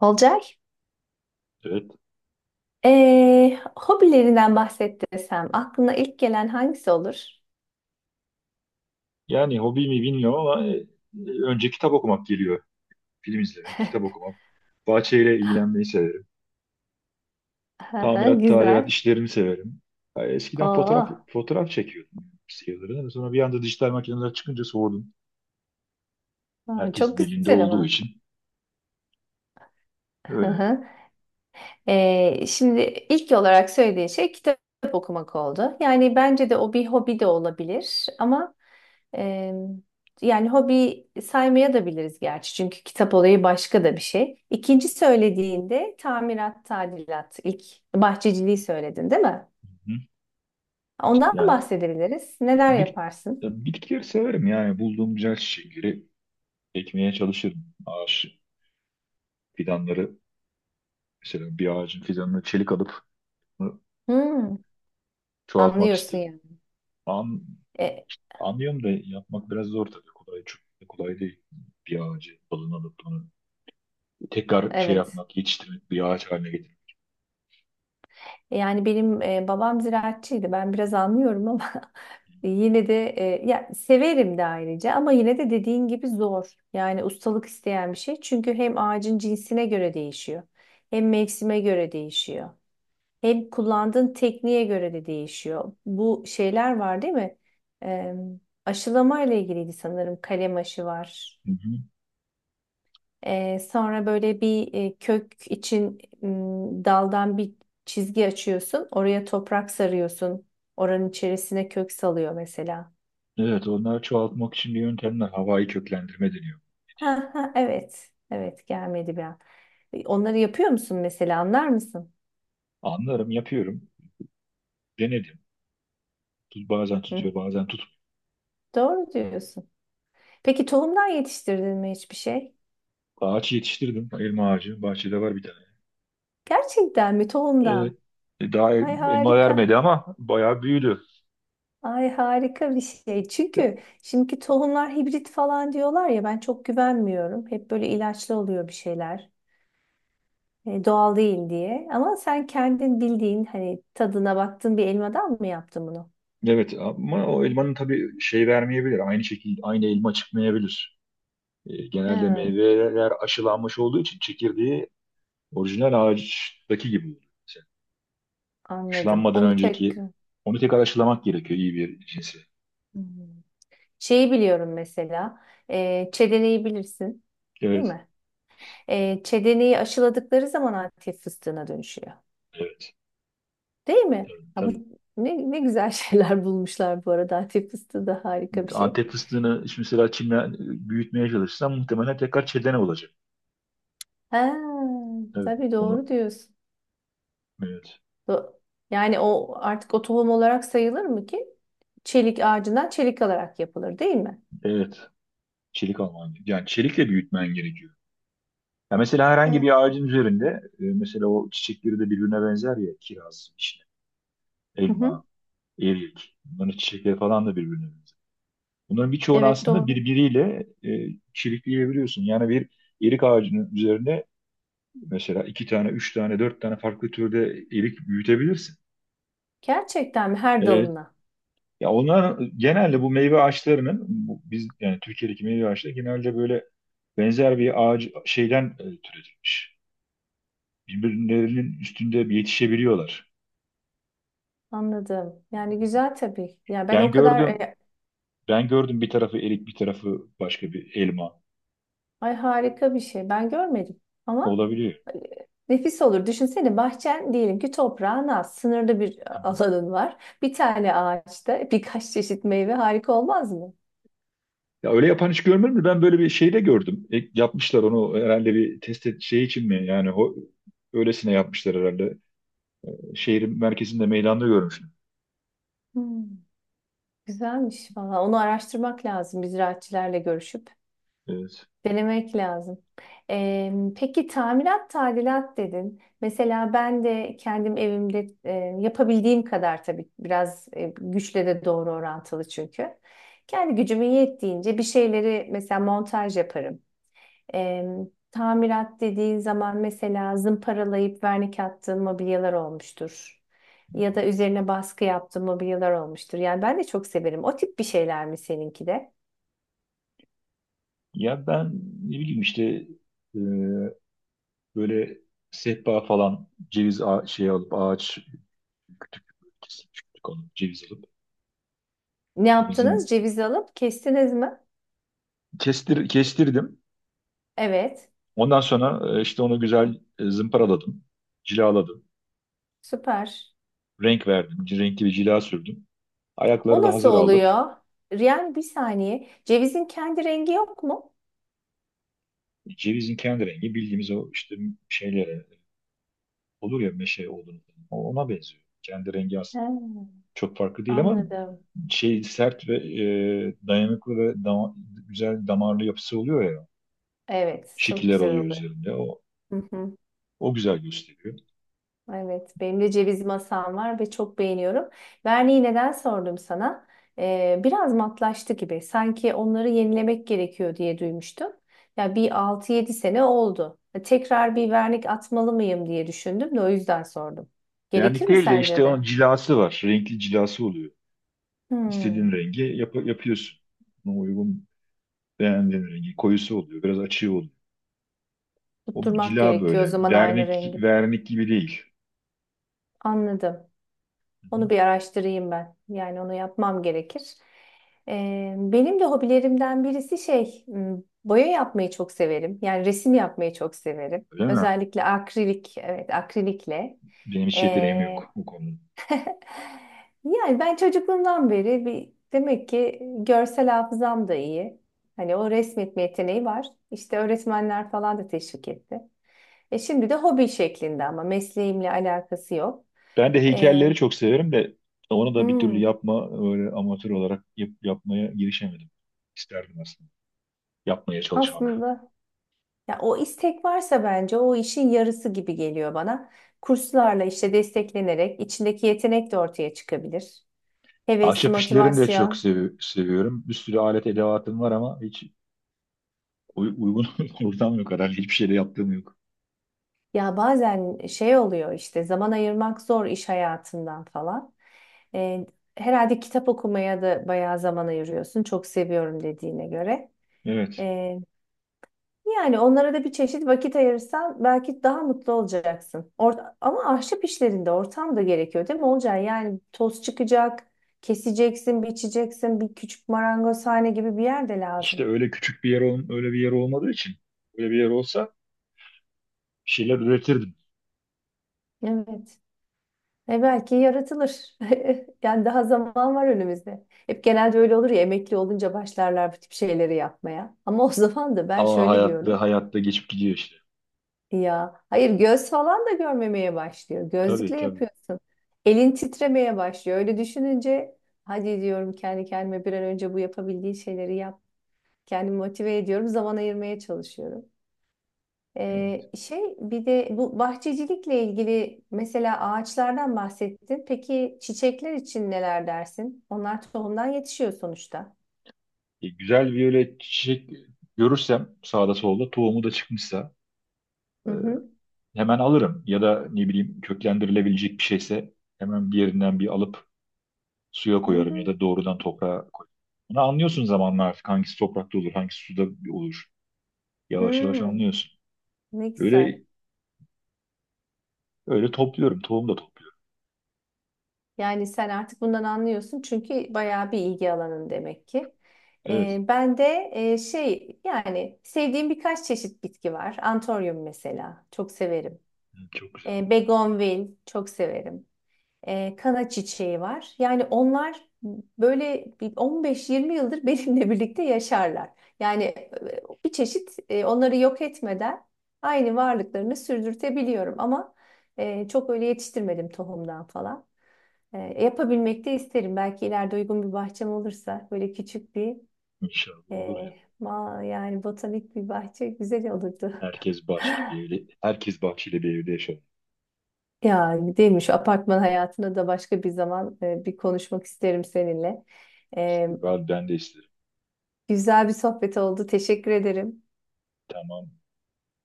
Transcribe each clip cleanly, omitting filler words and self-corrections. Olcay, Evet. Hobilerinden bahset desem aklına ilk gelen hangisi olur? Yani hobi mi bilmiyorum ama önce kitap okumak geliyor. Film izlemek, kitap okumak. Bahçeyle ilgilenmeyi severim. Hı. Tamirat, tadilat Güzel. işlerini severim. Ya eskiden Oo, fotoğraf çekiyordum sayıları. Sonra bir anda dijital makineler çıkınca soğudum. aa, Herkesin çok elinde güzel olduğu ama. için. Öyle. Hı. Şimdi ilk olarak söylediğin şey kitap okumak oldu. Yani bence de o bir hobi de olabilir ama e, yani hobi saymaya da biliriz gerçi. Çünkü kitap olayı başka da bir şey. İkinci söylediğinde tamirat, tadilat, ilk bahçeciliği söyledin, değil mi? Hı. Ondan Yani bahsedebiliriz. Neler bit, yaparsın? ya bitkileri severim yani. Bulduğum güzel çiçekleri ekmeye çalışırım. Ağaç fidanları, mesela bir ağacın fidanını çelik alıp onu Hmm, çoğaltmak anlıyorsun isterim. yani. An E, Anlıyorum da yapmak biraz zor tabii. Kolay, çok da kolay değil. Bir ağacı dalını alıp onu tekrar şey evet. yapmak, yetiştirmek, bir ağaç haline getirmek. Yani benim babam ziraatçıydı. Ben biraz anlıyorum ama yine de ya severim de ayrıca ama yine de dediğin gibi zor. Yani ustalık isteyen bir şey. Çünkü hem ağacın cinsine göre değişiyor. Hem mevsime göre değişiyor. Hem kullandığın tekniğe göre de değişiyor. Bu şeyler var değil mi? E, Aşılama ile ilgiliydi sanırım. Kalem aşı var. Hı hı. Sonra böyle bir kök için daldan bir çizgi açıyorsun. Oraya toprak sarıyorsun. Oranın içerisine kök salıyor mesela. Evet, onları çoğaltmak için bir yöntemler. Havai köklendirme deniyor. Ha, ha, evet. Evet gelmedi bir an. Onları yapıyor musun mesela, anlar mısın? Anlarım, yapıyorum. Denedim. Bazen Hı, tutuyor, bazen. doğru diyorsun. Peki tohumdan yetiştirdin mi hiçbir şey? Ağaç yetiştirdim. Elma ağacı. Bahçede var bir tane. Gerçekten mi tohumdan? Evet. Daha Ay elma harika. vermedi ama bayağı büyüdü. Ay harika bir şey. Ya, Çünkü şimdiki tohumlar hibrit falan diyorlar ya, ben çok güvenmiyorum. Hep böyle ilaçlı oluyor bir şeyler. Doğal değil diye. Ama sen kendin bildiğin hani tadına baktığın bir elmadan mı yaptın bunu? evet, ama o elmanın tabii şey vermeyebilir. Aynı şekilde aynı elma çıkmayabilir. Genelde Ha, meyveler aşılanmış olduğu için çekirdeği orijinal ağaçtaki gibi oluyor. Mesela anladım. aşılanmadan Onu tek. önceki onu tekrar aşılamak gerekiyor iyi bir cinsi. Hmm. Şeyi biliyorum mesela. Çedeneyi bilirsin, değil Evet, mi? Çedeneyi aşıladıkları zaman Antep fıstığına dönüşüyor. evet, Değil mi? evet, Ya bu tabii. ne, ne güzel şeyler bulmuşlar bu arada. Antep fıstığı da harika bir şey. Antep fıstığını şimdi mesela çimle büyütmeye çalışsan muhtemelen tekrar çedene olacak. Ha, Evet. tabii Onu, doğru diyorsun. evet, Do-. Yani o artık o tohum olarak sayılır mı ki? Çelik ağacından çelik alarak yapılır değil mi? evet. Çelik alman gerekiyor. Yani çelikle büyütmen gerekiyor. Ya mesela herhangi Evet. bir ağacın üzerinde, mesela o çiçekleri de birbirine benzer ya, kiraz, işte, Hı elma, hı. erik. Bunların çiçekleri falan da birbirine benzer. Bunların birçoğunu Evet aslında doğru. birbiriyle çirikleyebiliyorsun. Yani bir erik ağacının üzerine mesela iki tane, üç tane, dört tane farklı türde erik büyütebilirsin. Gerçekten mi? Her E, dalına. Ya onlar genelde bu meyve ağaçlarının, bu, biz yani Türkiye'deki meyve ağaçları genelde böyle benzer bir ağaç şeyden türetilmiş. Birbirlerinin üstünde yetişebiliyorlar. Anladım. Yani güzel tabii. Ya ben o Ben kadar gördüm, ben gördüm, bir tarafı erik, bir tarafı başka bir elma ay harika bir şey. Ben görmedim ama olabiliyor. e, nefis olur. Düşünsene, bahçen diyelim ki toprağın az, sınırlı bir alanın var. Bir tane ağaçta birkaç çeşit meyve harika olmaz mı? Ya öyle yapan hiç görmedim de ben böyle bir şey de gördüm. E, yapmışlar onu herhalde bir şey için mi yani öylesine yapmışlar herhalde. Şehrin merkezinde meydanda görmüştüm. Hmm, güzelmiş valla. Onu araştırmak lazım. Biz ziraatçilerle görüşüp. Evet. Denemek lazım. Peki tamirat tadilat dedin. Mesela ben de kendim evimde yapabildiğim kadar tabii, biraz güçle de doğru orantılı çünkü. Kendi gücümün yettiğince bir şeyleri mesela montaj yaparım. E, Tamirat dediğin zaman mesela zımparalayıp vernik attığın mobilyalar olmuştur. Ya da üzerine baskı yaptığın mobilyalar olmuştur. Yani ben de çok severim. O tip bir şeyler mi seninki de? Ya ben ne bileyim işte e, böyle sehpa falan ceviz şey alıp ağaç kütük kesip kütük alıp ceviz alıp Ne onu yaptınız? Cevizi alıp kestiniz mi? Kestirdim. Evet. Ondan sonra işte onu güzel zımparaladım, cilaladım, Süper. renk verdim, renkli bir cila sürdüm. Ayakları O da nasıl hazır aldım. oluyor? Yani bir saniye. Cevizin kendi rengi yok mu? Cevizin kendi rengi bildiğimiz o işte şeylere olur ya, meşe olduğunu, ona benziyor. Kendi rengi He, aslında çok farklı değil ama anladım. şey sert ve dayanıklı ve güzel damarlı yapısı oluyor ya. Evet, çok Şekiller güzel oluyor oldu. üzerinde. O, Hı hı. o güzel gösteriyor. Evet, benim de ceviz masam var ve çok beğeniyorum. Verniği neden sordum sana? Biraz matlaştı gibi. Sanki onları yenilemek gerekiyor diye duymuştum. Ya bir altı yedi sene oldu. E, tekrar bir vernik atmalı mıyım diye düşündüm de o yüzden sordum. Yani Gerekir mi değil de işte sence onun de? cilası var. Renkli cilası oluyor. İstediğin Hmm, rengi yapıyorsun. Buna uygun beğendiğin rengi. Koyusu oluyor. Biraz açığı oluyor. O tutturmak cila gerekiyor o böyle. zaman aynı Vernik, rengi. vernik gibi değil. Anladım. Hı hı. Onu bir araştırayım ben. Yani onu yapmam gerekir. Benim de hobilerimden birisi şey, boya yapmayı çok severim. Yani resim yapmayı çok severim. Öyle mi? Özellikle akrilik, evet akrilikle. Benim hiç yeteneğim Ee, yok bu konuda. yani ben çocukluğumdan beri bir demek ki görsel hafızam da iyi. Hani o resmetme yeteneği var. İşte öğretmenler falan da teşvik etti. E şimdi de hobi şeklinde ama mesleğimle alakası yok. Ben de heykelleri Ee, çok severim de onu da bir türlü hmm. yapma öyle amatör olarak yapmaya girişemedim. İsterdim aslında yapmaya çalışmak. Aslında ya o istek varsa bence o işin yarısı gibi geliyor bana. Kurslarla işte desteklenerek içindeki yetenek de ortaya çıkabilir. Heves, Ahşap işlerini de çok motivasyon. Seviyorum. Bir sürü alet edevatım var ama hiç uygun ortam yok herhalde. Hiçbir şeyde yaptığım yok. Ya bazen şey oluyor, işte zaman ayırmak zor iş hayatından falan. Ee, herhalde kitap okumaya da bayağı zaman ayırıyorsun. Çok seviyorum dediğine göre. Evet. Yani onlara da bir çeşit vakit ayırırsan belki daha mutlu olacaksın. Or-, ama ahşap işlerinde ortam da gerekiyor değil mi Olcay? Yani toz çıkacak, keseceksin, biçeceksin, bir küçük marangozhane gibi bir yer de İşte lazım. öyle küçük bir öyle bir yer olmadığı için öyle bir yer olsa bir şeyler üretirdim. Evet. E belki yaratılır. Yani daha zaman var önümüzde. Hep genelde öyle olur ya, emekli olunca başlarlar bu tip şeyleri yapmaya. Ama o zaman da ben Ama şöyle diyorum. hayatta geçip gidiyor işte. Ya hayır, göz falan da görmemeye başlıyor. Tabii Gözlükle tabii. yapıyorsun. Elin titremeye başlıyor. Öyle düşününce hadi diyorum kendi kendime, bir an önce bu yapabildiği şeyleri yap. Kendimi motive ediyorum. Zaman ayırmaya çalışıyorum. Şey, bir de bu bahçecilikle ilgili mesela ağaçlardan bahsettin. Peki çiçekler için neler dersin? Onlar tohumdan yetişiyor sonuçta. E, güzel viyole çiçek görürsem sağda solda tohumu da çıkmışsa e, Hı hı. hemen alırım. Ya da ne bileyim köklendirilebilecek bir şeyse hemen bir yerinden bir alıp suya Hı koyarım ya hı. da doğrudan toprağa koyarım. Bunu anlıyorsun zamanla artık hangisi toprakta olur, hangisi suda olur. Yavaş yavaş Hmm. anlıyorsun. Ne güzel. Öyle öyle topluyorum, tohum da topluyorum. Yani sen artık bundan anlıyorsun, çünkü bayağı bir ilgi alanın demek ki. Evet, Ben de şey, yani sevdiğim birkaç çeşit bitki var. Antoryum mesela çok severim. evet, çok güzel. Begonvil çok severim. Kana çiçeği var. Yani onlar böyle bir 15-20 yıldır benimle birlikte yaşarlar. Yani bir çeşit onları yok etmeden aynı varlıklarını sürdürtebiliyorum ama çok öyle yetiştirmedim tohumdan falan. Yapabilmek de isterim. Belki ileride uygun bir bahçem olursa böyle küçük bir İnşallah e, olur ya. ma yani botanik bir bahçe güzel olurdu. Herkes bahçeli bir evde, herkes bahçeli bir evde yaşar. Ya değil mi, şu apartman hayatına da başka bir zaman bir konuşmak isterim seninle. E, İşte ben de isterim. güzel bir sohbet oldu. Teşekkür ederim. Tamam.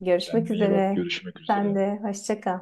Görüşmek Kendine iyi bak. üzere. Görüşmek Sen üzere. de hoşça kal.